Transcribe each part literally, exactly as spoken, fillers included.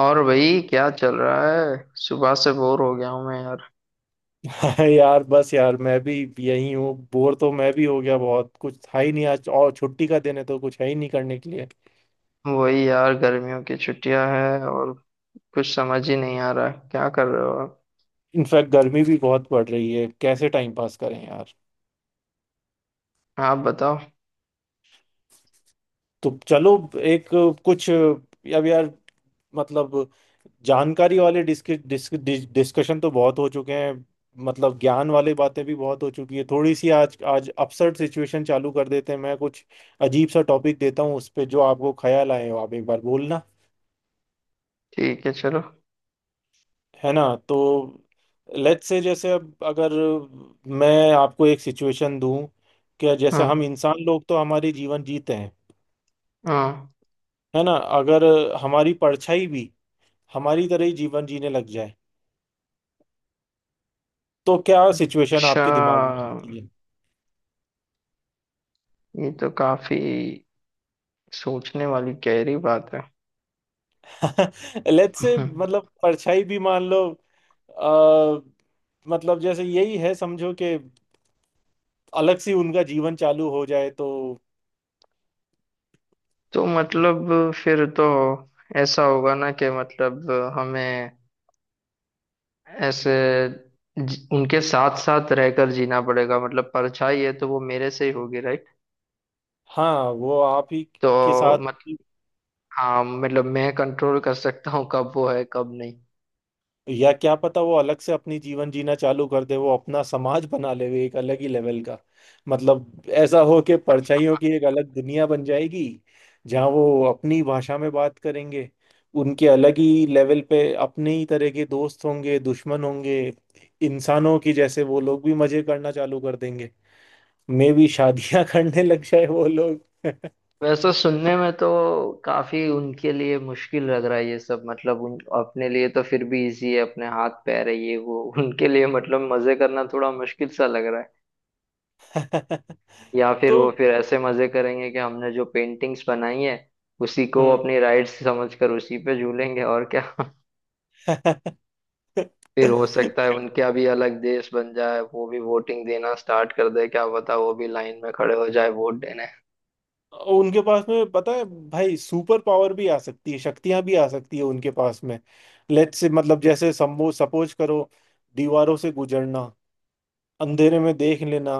और भाई क्या चल रहा है? सुबह से बोर हो गया हूँ मैं यार। हाँ यार, बस यार, मैं भी यही हूँ। बोर तो मैं भी हो गया, बहुत कुछ था ही नहीं आज, और छुट्टी का दिन है तो कुछ है ही नहीं करने के लिए। वही यार, गर्मियों की छुट्टियां हैं और कुछ समझ ही नहीं आ रहा है। क्या कर रहे हो आप? इनफैक्ट गर्मी भी बहुत पड़ रही है, कैसे टाइम पास करें यार? आप बताओ। तो चलो, एक कुछ अब यार, मतलब जानकारी वाले डिस्क, डिस्क, डिस, डिस्कशन तो बहुत हो चुके हैं, मतलब ज्ञान वाले बातें भी बहुत हो चुकी है। थोड़ी सी आज आज अपसर्ड सिचुएशन चालू कर देते हैं। मैं कुछ अजीब सा टॉपिक देता हूँ, उस पे जो आपको ख्याल आए हो आप एक बार बोलना, ठीक है, चलो। है ना? तो लेट्स से जैसे, अब अगर मैं आपको एक सिचुएशन दूं कि जैसे हम हाँ। इंसान लोग तो हमारी जीवन जीते हैं, हाँ। है ना? अगर हमारी परछाई भी हमारी तरह ही जीवन जीने लग जाए, तो क्या सिचुएशन अच्छा, आपके दिमाग में आती ये तो काफी सोचने वाली गहरी बात है। है? लेट्स से, हम्म। मतलब परछाई भी मान लो अ, मतलब जैसे यही है समझो कि अलग से उनका जीवन चालू हो जाए तो। तो मतलब फिर तो ऐसा होगा ना कि मतलब हमें ऐसे जी- उनके साथ साथ रहकर जीना पड़ेगा। मतलब परछाई है तो वो मेरे से ही होगी। हाँ, वो आप ही के तो साथ। मत हाँ, मतलब मैं कंट्रोल कर सकता हूँ कब वो है कब नहीं। या क्या पता वो अलग से अपनी जीवन जीना चालू कर दे, वो अपना समाज बना ले, वो एक अलग ही लेवल का। मतलब ऐसा हो कि परछाइयों की एक अलग दुनिया बन जाएगी, जहाँ वो अपनी भाषा में बात करेंगे, उनके अलग ही लेवल पे अपने ही तरह के दोस्त होंगे, दुश्मन होंगे। इंसानों की जैसे वो लोग भी मजे करना चालू कर देंगे, मे भी शादियां करने लग जाए वो लोग। वैसे सुनने में तो काफी उनके लिए मुश्किल लग रहा है ये सब। मतलब उन अपने लिए तो फिर भी इजी है, अपने हाथ पैर है ये वो। उनके लिए मतलब मजे करना थोड़ा मुश्किल सा लग रहा है। या फिर वो तो फिर ऐसे मजे करेंगे कि हमने जो पेंटिंग्स बनाई है उसी को हम्म। अपनी राइट्स समझकर उसी पे झूलेंगे, और क्या। फिर हो सकता है उनका भी अलग देश बन जाए, वो भी वोटिंग देना स्टार्ट कर दे। क्या पता वो भी लाइन में खड़े हो जाए वोट देने। उनके पास में पता है भाई, सुपर पावर भी आ सकती है, शक्तियां भी आ सकती है उनके पास में। लेट्स से, मतलब जैसे समो सपोज करो, दीवारों से गुजरना, अंधेरे में देख लेना,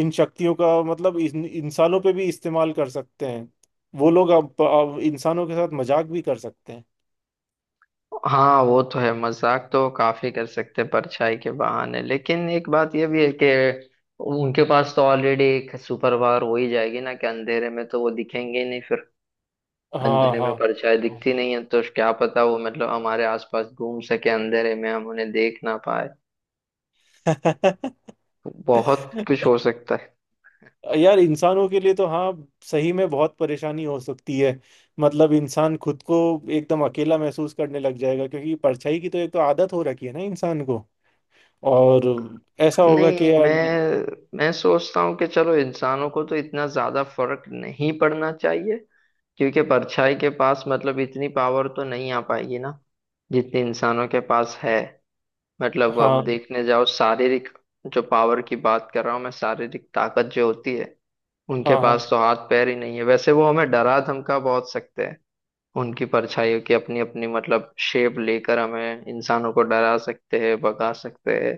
इन शक्तियों का मतलब इन, इंसानों पे भी इस्तेमाल कर सकते हैं। वो लोग अब, अब इंसानों के साथ मजाक भी कर सकते हैं। हाँ, वो तो है, मजाक तो काफी कर सकते हैं परछाई के बहाने। लेकिन एक बात ये भी है कि उनके पास तो ऑलरेडी एक सुपर पावर हो ही जाएगी ना कि अंधेरे में तो वो दिखेंगे ही नहीं फिर। हाँ अंधेरे में हाँ। परछाई दिखती नहीं है, तो क्या पता वो मतलब हमारे आसपास घूम सके अंधेरे में, हम उन्हें देख ना पाए। हाँ। बहुत कुछ हो सकता है। यार इंसानों के लिए तो हाँ, सही में बहुत परेशानी हो सकती है। मतलब इंसान खुद को एकदम अकेला महसूस करने लग जाएगा, क्योंकि परछाई की तो एक तो आदत हो रखी है ना इंसान को। और ऐसा होगा नहीं, कि यार, मैं मैं सोचता हूँ कि चलो इंसानों को तो इतना ज्यादा फर्क नहीं पड़ना चाहिए, क्योंकि परछाई के पास मतलब इतनी पावर तो नहीं आ पाएगी ना जितनी इंसानों के पास है। मतलब अब हाँ देखने जाओ शारीरिक, जो पावर की बात कर रहा हूँ मैं, शारीरिक ताकत जो होती है, उनके हाँ हाँ पास तो हाथ पैर ही नहीं है। वैसे वो हमें डरा धमका बहुत सकते हैं, उनकी परछाइयों की अपनी अपनी मतलब शेप लेकर हमें इंसानों को डरा सकते हैं, भगा सकते हैं।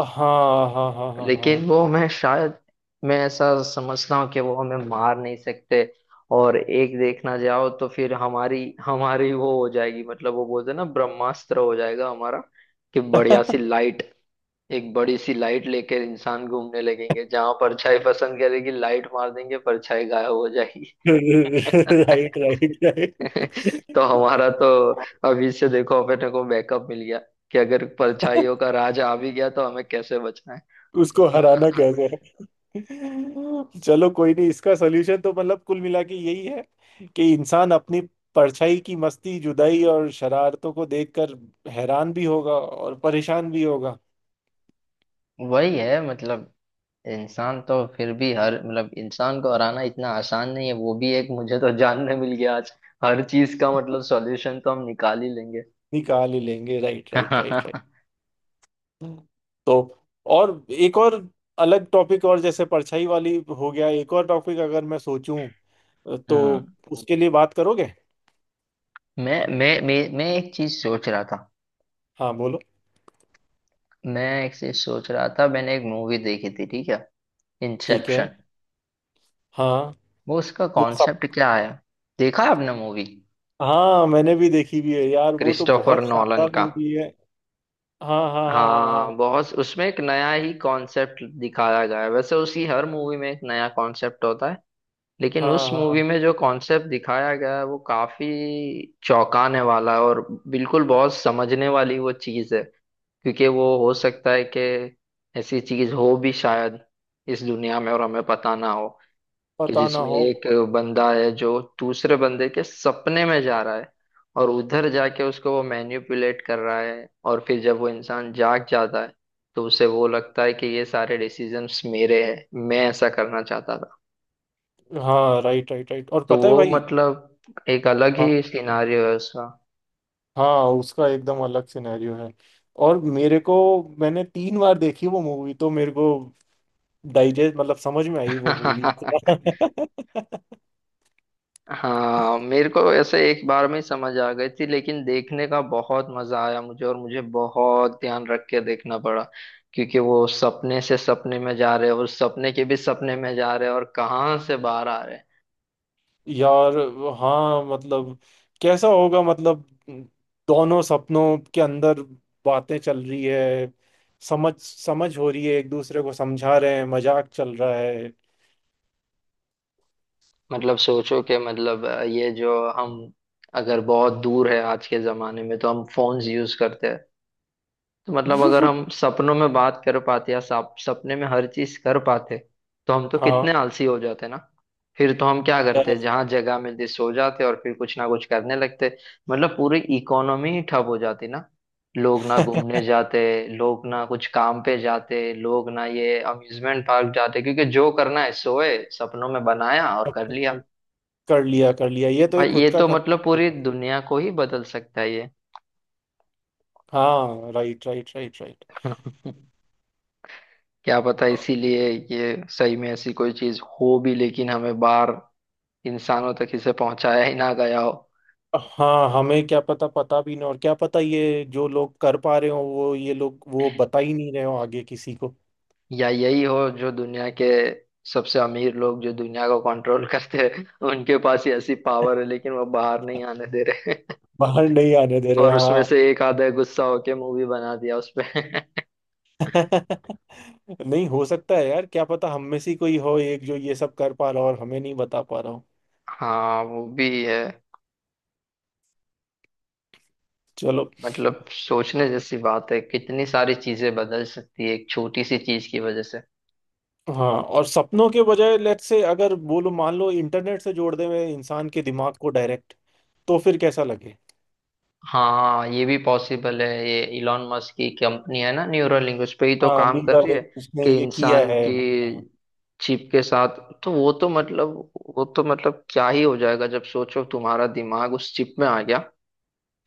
हाँ हाँ हाँ हाँ हाँ। लेकिन वो मैं शायद, मैं ऐसा समझता हूँ कि वो हमें मार नहीं सकते। और एक देखना जाओ तो फिर हमारी, हमारी वो हो जाएगी, मतलब वो बोलते हैं ना ब्रह्मास्त्र हो जाएगा हमारा। कि बढ़िया सी लाइट, एक बड़ी सी लाइट लेकर इंसान घूमने लगेंगे, जहां परछाई पसंद करेगी लाइट मार देंगे, परछाई गायब हो जाएगी। Right right right. तो हमारा तो अभी से देखो अपने को बैकअप मिल गया कि अगर परछाइयों का राज आ भी गया तो हमें कैसे बचना है। उसको हराना कैसे है? चलो कोई नहीं, इसका सोल्यूशन तो मतलब कुल मिला के यही है कि इंसान अपनी परछाई की मस्ती, जुदाई और शरारतों को देखकर हैरान भी होगा और परेशान भी होगा। वही है मतलब, इंसान तो फिर भी हर, मतलब इंसान को हराना इतना आसान नहीं है वो भी एक मुझे तो जानने मिल गया आज। हर चीज का मतलब सॉल्यूशन तो हम निकाल ही लेंगे। निकाल ही लेंगे, राइट राइट राइट राइट। हम्म। तो और एक और अलग टॉपिक, और जैसे परछाई वाली हो गया, एक और टॉपिक अगर मैं सोचूं तो उसके लिए बात करोगे? मैं मैं मैं मैं एक चीज सोच रहा था, हाँ बोलो। मैं एक चीज सोच रहा था, मैंने एक मूवी देखी थी, ठीक है। ठीक है। इंसेप्शन। हाँ वो, उसका वो, कॉन्सेप्ट क्या है? देखा है आपने मूवी? हाँ मैंने भी देखी भी है यार, वो तो क्रिस्टोफर बहुत नॉलन शानदार का। मूवी है। हाँ हाँ हाँ हाँ, हाँ, बहुत। उसमें एक नया ही कॉन्सेप्ट दिखाया गया है। वैसे उसकी हर मूवी में एक नया कॉन्सेप्ट होता है, लेकिन हाँ उस हाँ हाँ हाँ, मूवी में जो कॉन्सेप्ट दिखाया गया है वो काफी चौंकाने वाला है, और बिल्कुल बहुत समझने वाली वो चीज है। क्योंकि वो हो सकता है कि ऐसी चीज हो भी शायद इस दुनिया में और हमें पता ना हो। कि पता ना जिसमें हो। एक बंदा है जो दूसरे बंदे के सपने में जा रहा है, और उधर जाके उसको वो मैनिपुलेट कर रहा है, और फिर जब वो इंसान जाग जाता है तो उसे वो लगता है कि ये सारे डिसीजंस मेरे हैं, मैं ऐसा करना चाहता था। हाँ राइट राइट राइट, और तो पता है वो भाई। मतलब एक अलग ही हाँ, सिनारियो है उसका। हाँ उसका एकदम अलग सिनेरियो है। और मेरे को, मैंने तीन बार देखी वो मूवी, तो मेरे को डाइजेस्ट मतलब समझ में आई वो मूवी। हाँ, मेरे को ऐसे एक बार में ही समझ आ गई थी, लेकिन देखने का बहुत मजा आया मुझे, और मुझे बहुत ध्यान रख के देखना पड़ा क्योंकि वो सपने से सपने में जा रहे हैं, और सपने के भी सपने में जा रहे हैं, और कहाँ से बाहर आ रहे हैं। यार, हाँ मतलब कैसा होगा? मतलब दोनों सपनों के अंदर बातें चल रही है, समझ समझ हो रही है, एक दूसरे को समझा रहे हैं, मजाक चल रहा है। मतलब सोचो कि मतलब अ, ये जो हम, अगर बहुत दूर है आज के जमाने में तो हम फोन्स यूज करते हैं, तो मतलब अगर हम सपनों में बात कर पाते या सप, सपने में हर चीज कर पाते तो हम तो हाँ कितने आलसी हो जाते ना। फिर तो हम क्या करते, यार, जहां जगह मिलती सो जाते और फिर कुछ ना कुछ करने लगते। मतलब पूरी इकोनॉमी ही ठप हो जाती ना। लोग ना घूमने जाते, लोग ना कुछ काम पे जाते, लोग ना ये अम्यूजमेंट पार्क जाते, क्योंकि जो करना है सोए सपनों में बनाया और कर लिया। कर लिया कर लिया, ये तो भाई एक ये खुद का तो मतलब कंसेप्ट पूरी होता दुनिया को ही बदल सकता है है। हाँ राइट राइट राइट राइट। ये। क्या पता इसीलिए ये सही में ऐसी कोई चीज हो भी, लेकिन हमें बाहर इंसानों तक इसे पहुंचाया ही ना गया हो। हाँ, हमें क्या पता, पता भी नहीं, और क्या पता ये जो लोग कर पा रहे हो वो, ये लोग वो बता ही नहीं रहे हो आगे किसी को। या यही हो जो दुनिया के सबसे अमीर लोग जो दुनिया को कंट्रोल करते हैं उनके पास ही ऐसी पावर है, लेकिन वो बाहर नहीं आने दे रहे। बाहर नहीं आने दे रहे, और हाँ। उसमें से एक आधा गुस्सा होके मूवी बना दिया उसपे। नहीं, हो सकता है यार, क्या पता हम में से ही कोई हो एक जो ये सब कर पा रहा हो और हमें नहीं बता पा रहा हो। हाँ, वो भी है। चलो। मतलब सोचने जैसी बात है, कितनी सारी चीजें बदल सकती है एक छोटी सी चीज की वजह से। हाँ, और सपनों के बजाय लेट्स से अगर बोलो मान लो इंटरनेट से जोड़ दे मैं इंसान के दिमाग को डायरेक्ट, तो फिर कैसा लगे? हाँ, ये भी पॉसिबल है। ये इलॉन मस्क की कंपनी है ना न्यूरोलिंक, उस पे ही तो हाँ काम कर मीरा रही ने है उसने कि ये किया इंसान है। की चिप के साथ। तो वो तो मतलब, वो तो मतलब क्या ही हो जाएगा, जब सोचो तुम्हारा दिमाग उस चिप में आ गया,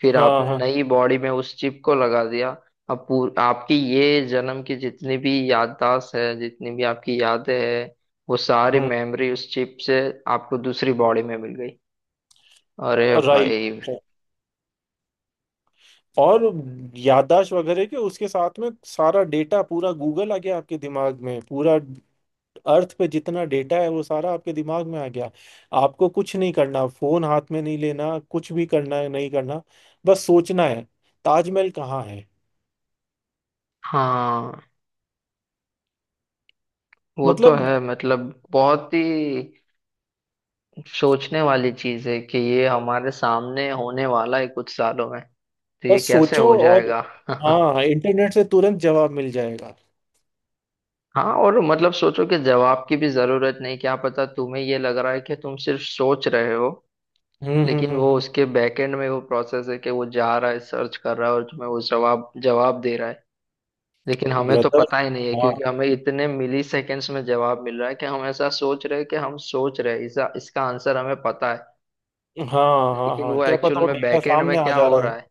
फिर हाँ हाँ आपने हाँ, नई बॉडी में उस चिप को लगा दिया। अब पूर, आपकी ये जन्म की जितनी भी याददाश्त है, जितनी भी आपकी यादें हैं, वो सारी हम्म मेमोरी उस चिप से आपको दूसरी बॉडी में मिल गई। अरे राइट। भाई! और याददाश्त वगैरह के उसके साथ में सारा डेटा पूरा गूगल आ गया आपके दिमाग में, पूरा अर्थ पे जितना डेटा है वो सारा आपके दिमाग में आ गया। आपको कुछ नहीं करना, फोन हाथ में नहीं लेना, कुछ भी करना है नहीं करना, बस सोचना है, ताजमहल कहाँ है। हाँ, वो तो मतलब है। मतलब बहुत ही सोचने वाली चीज है कि ये हमारे सामने होने वाला है कुछ सालों में। तो ये बस कैसे सोचो हो और। जाएगा? हाँ, इंटरनेट से तुरंत जवाब मिल जाएगा। हाँ, और मतलब सोचो कि जवाब की भी जरूरत नहीं, क्या पता तुम्हें ये लग रहा है कि तुम सिर्फ सोच रहे हो, हम्म लेकिन हम्म वो हम्म, उसके बैकएंड में वो प्रोसेस है कि वो जा रहा है सर्च कर रहा है और तुम्हें वो जवाब जवाब दे रहा है। लेकिन हमें तो ब्रदर। पता ही नहीं है हाँ क्योंकि हमें इतने मिली सेकेंड्स में जवाब मिल रहा है कि हम ऐसा सोच रहे हैं कि हम सोच रहे हैं इसका इसका आंसर हमें पता है। हाँ हाँ लेकिन हाँ, वो क्या एक्चुअल पता वो में डेटा बैकएंड में सामने आ क्या जा हो रहा रहा है।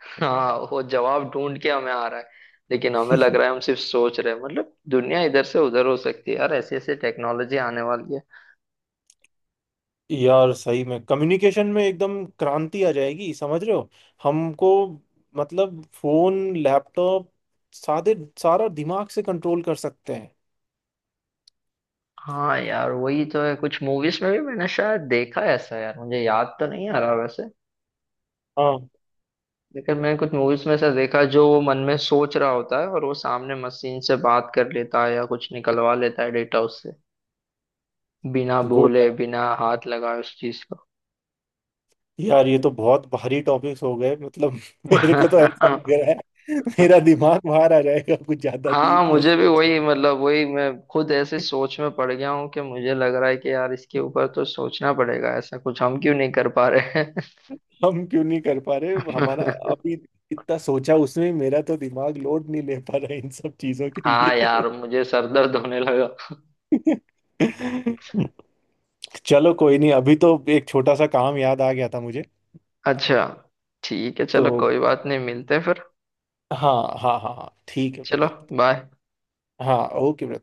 हाँ, वो जवाब ढूंढ के हमें आ रहा है, लेकिन हमें लग है। रहा है हम सिर्फ सोच रहे हैं। मतलब दुनिया इधर से उधर हो सकती है यार, ऐसी ऐसी टेक्नोलॉजी आने वाली है। यार सही में कम्युनिकेशन में एकदम क्रांति आ जाएगी, समझ रहे हो हमको? मतलब फोन, लैपटॉप, सादे सारा दिमाग से कंट्रोल कर सकते हैं। हाँ यार, वही तो है। कुछ मूवीज में भी मैंने शायद देखा है ऐसा यार, मुझे याद तो नहीं आ रहा वैसे, हाँ। लेकिन मैंने कुछ मूवीज में ऐसा देखा जो वो मन में सोच रहा होता है और वो सामने मशीन से बात कर लेता है, या कुछ निकलवा लेता है डेटा उससे, बिना गुड। बोले, बिना हाथ लगाए उस चीज को। यार ये तो बहुत भारी टॉपिक्स हो गए मतलब, मेरे को तो ऐसा लग रहा है मेरा दिमाग बाहर आ जाएगा, कुछ ज्यादा हाँ, डीप में मुझे भी सोच वही, लिया। मतलब वही, मैं खुद ऐसे सोच में पड़ गया हूँ कि मुझे लग रहा है कि यार इसके ऊपर तो सोचना पड़ेगा, ऐसा कुछ हम क्यों नहीं कर पा रहे हैं। हम क्यों नहीं कर पा रहे, हमारा अभी इतना सोचा उसमें मेरा तो दिमाग लोड नहीं ले पा रहा है इन सब चीजों के हाँ लिए। यार, मुझे सर दर्द होने लगा। चलो कोई नहीं, अभी तो एक छोटा सा काम याद आ गया था मुझे। अच्छा, ठीक है, तो चलो कोई बात नहीं, मिलते हैं फिर। हाँ हाँ हाँ हाँ, ठीक है चलो, ब्रदर। बाय। हाँ ओके ब्रदर।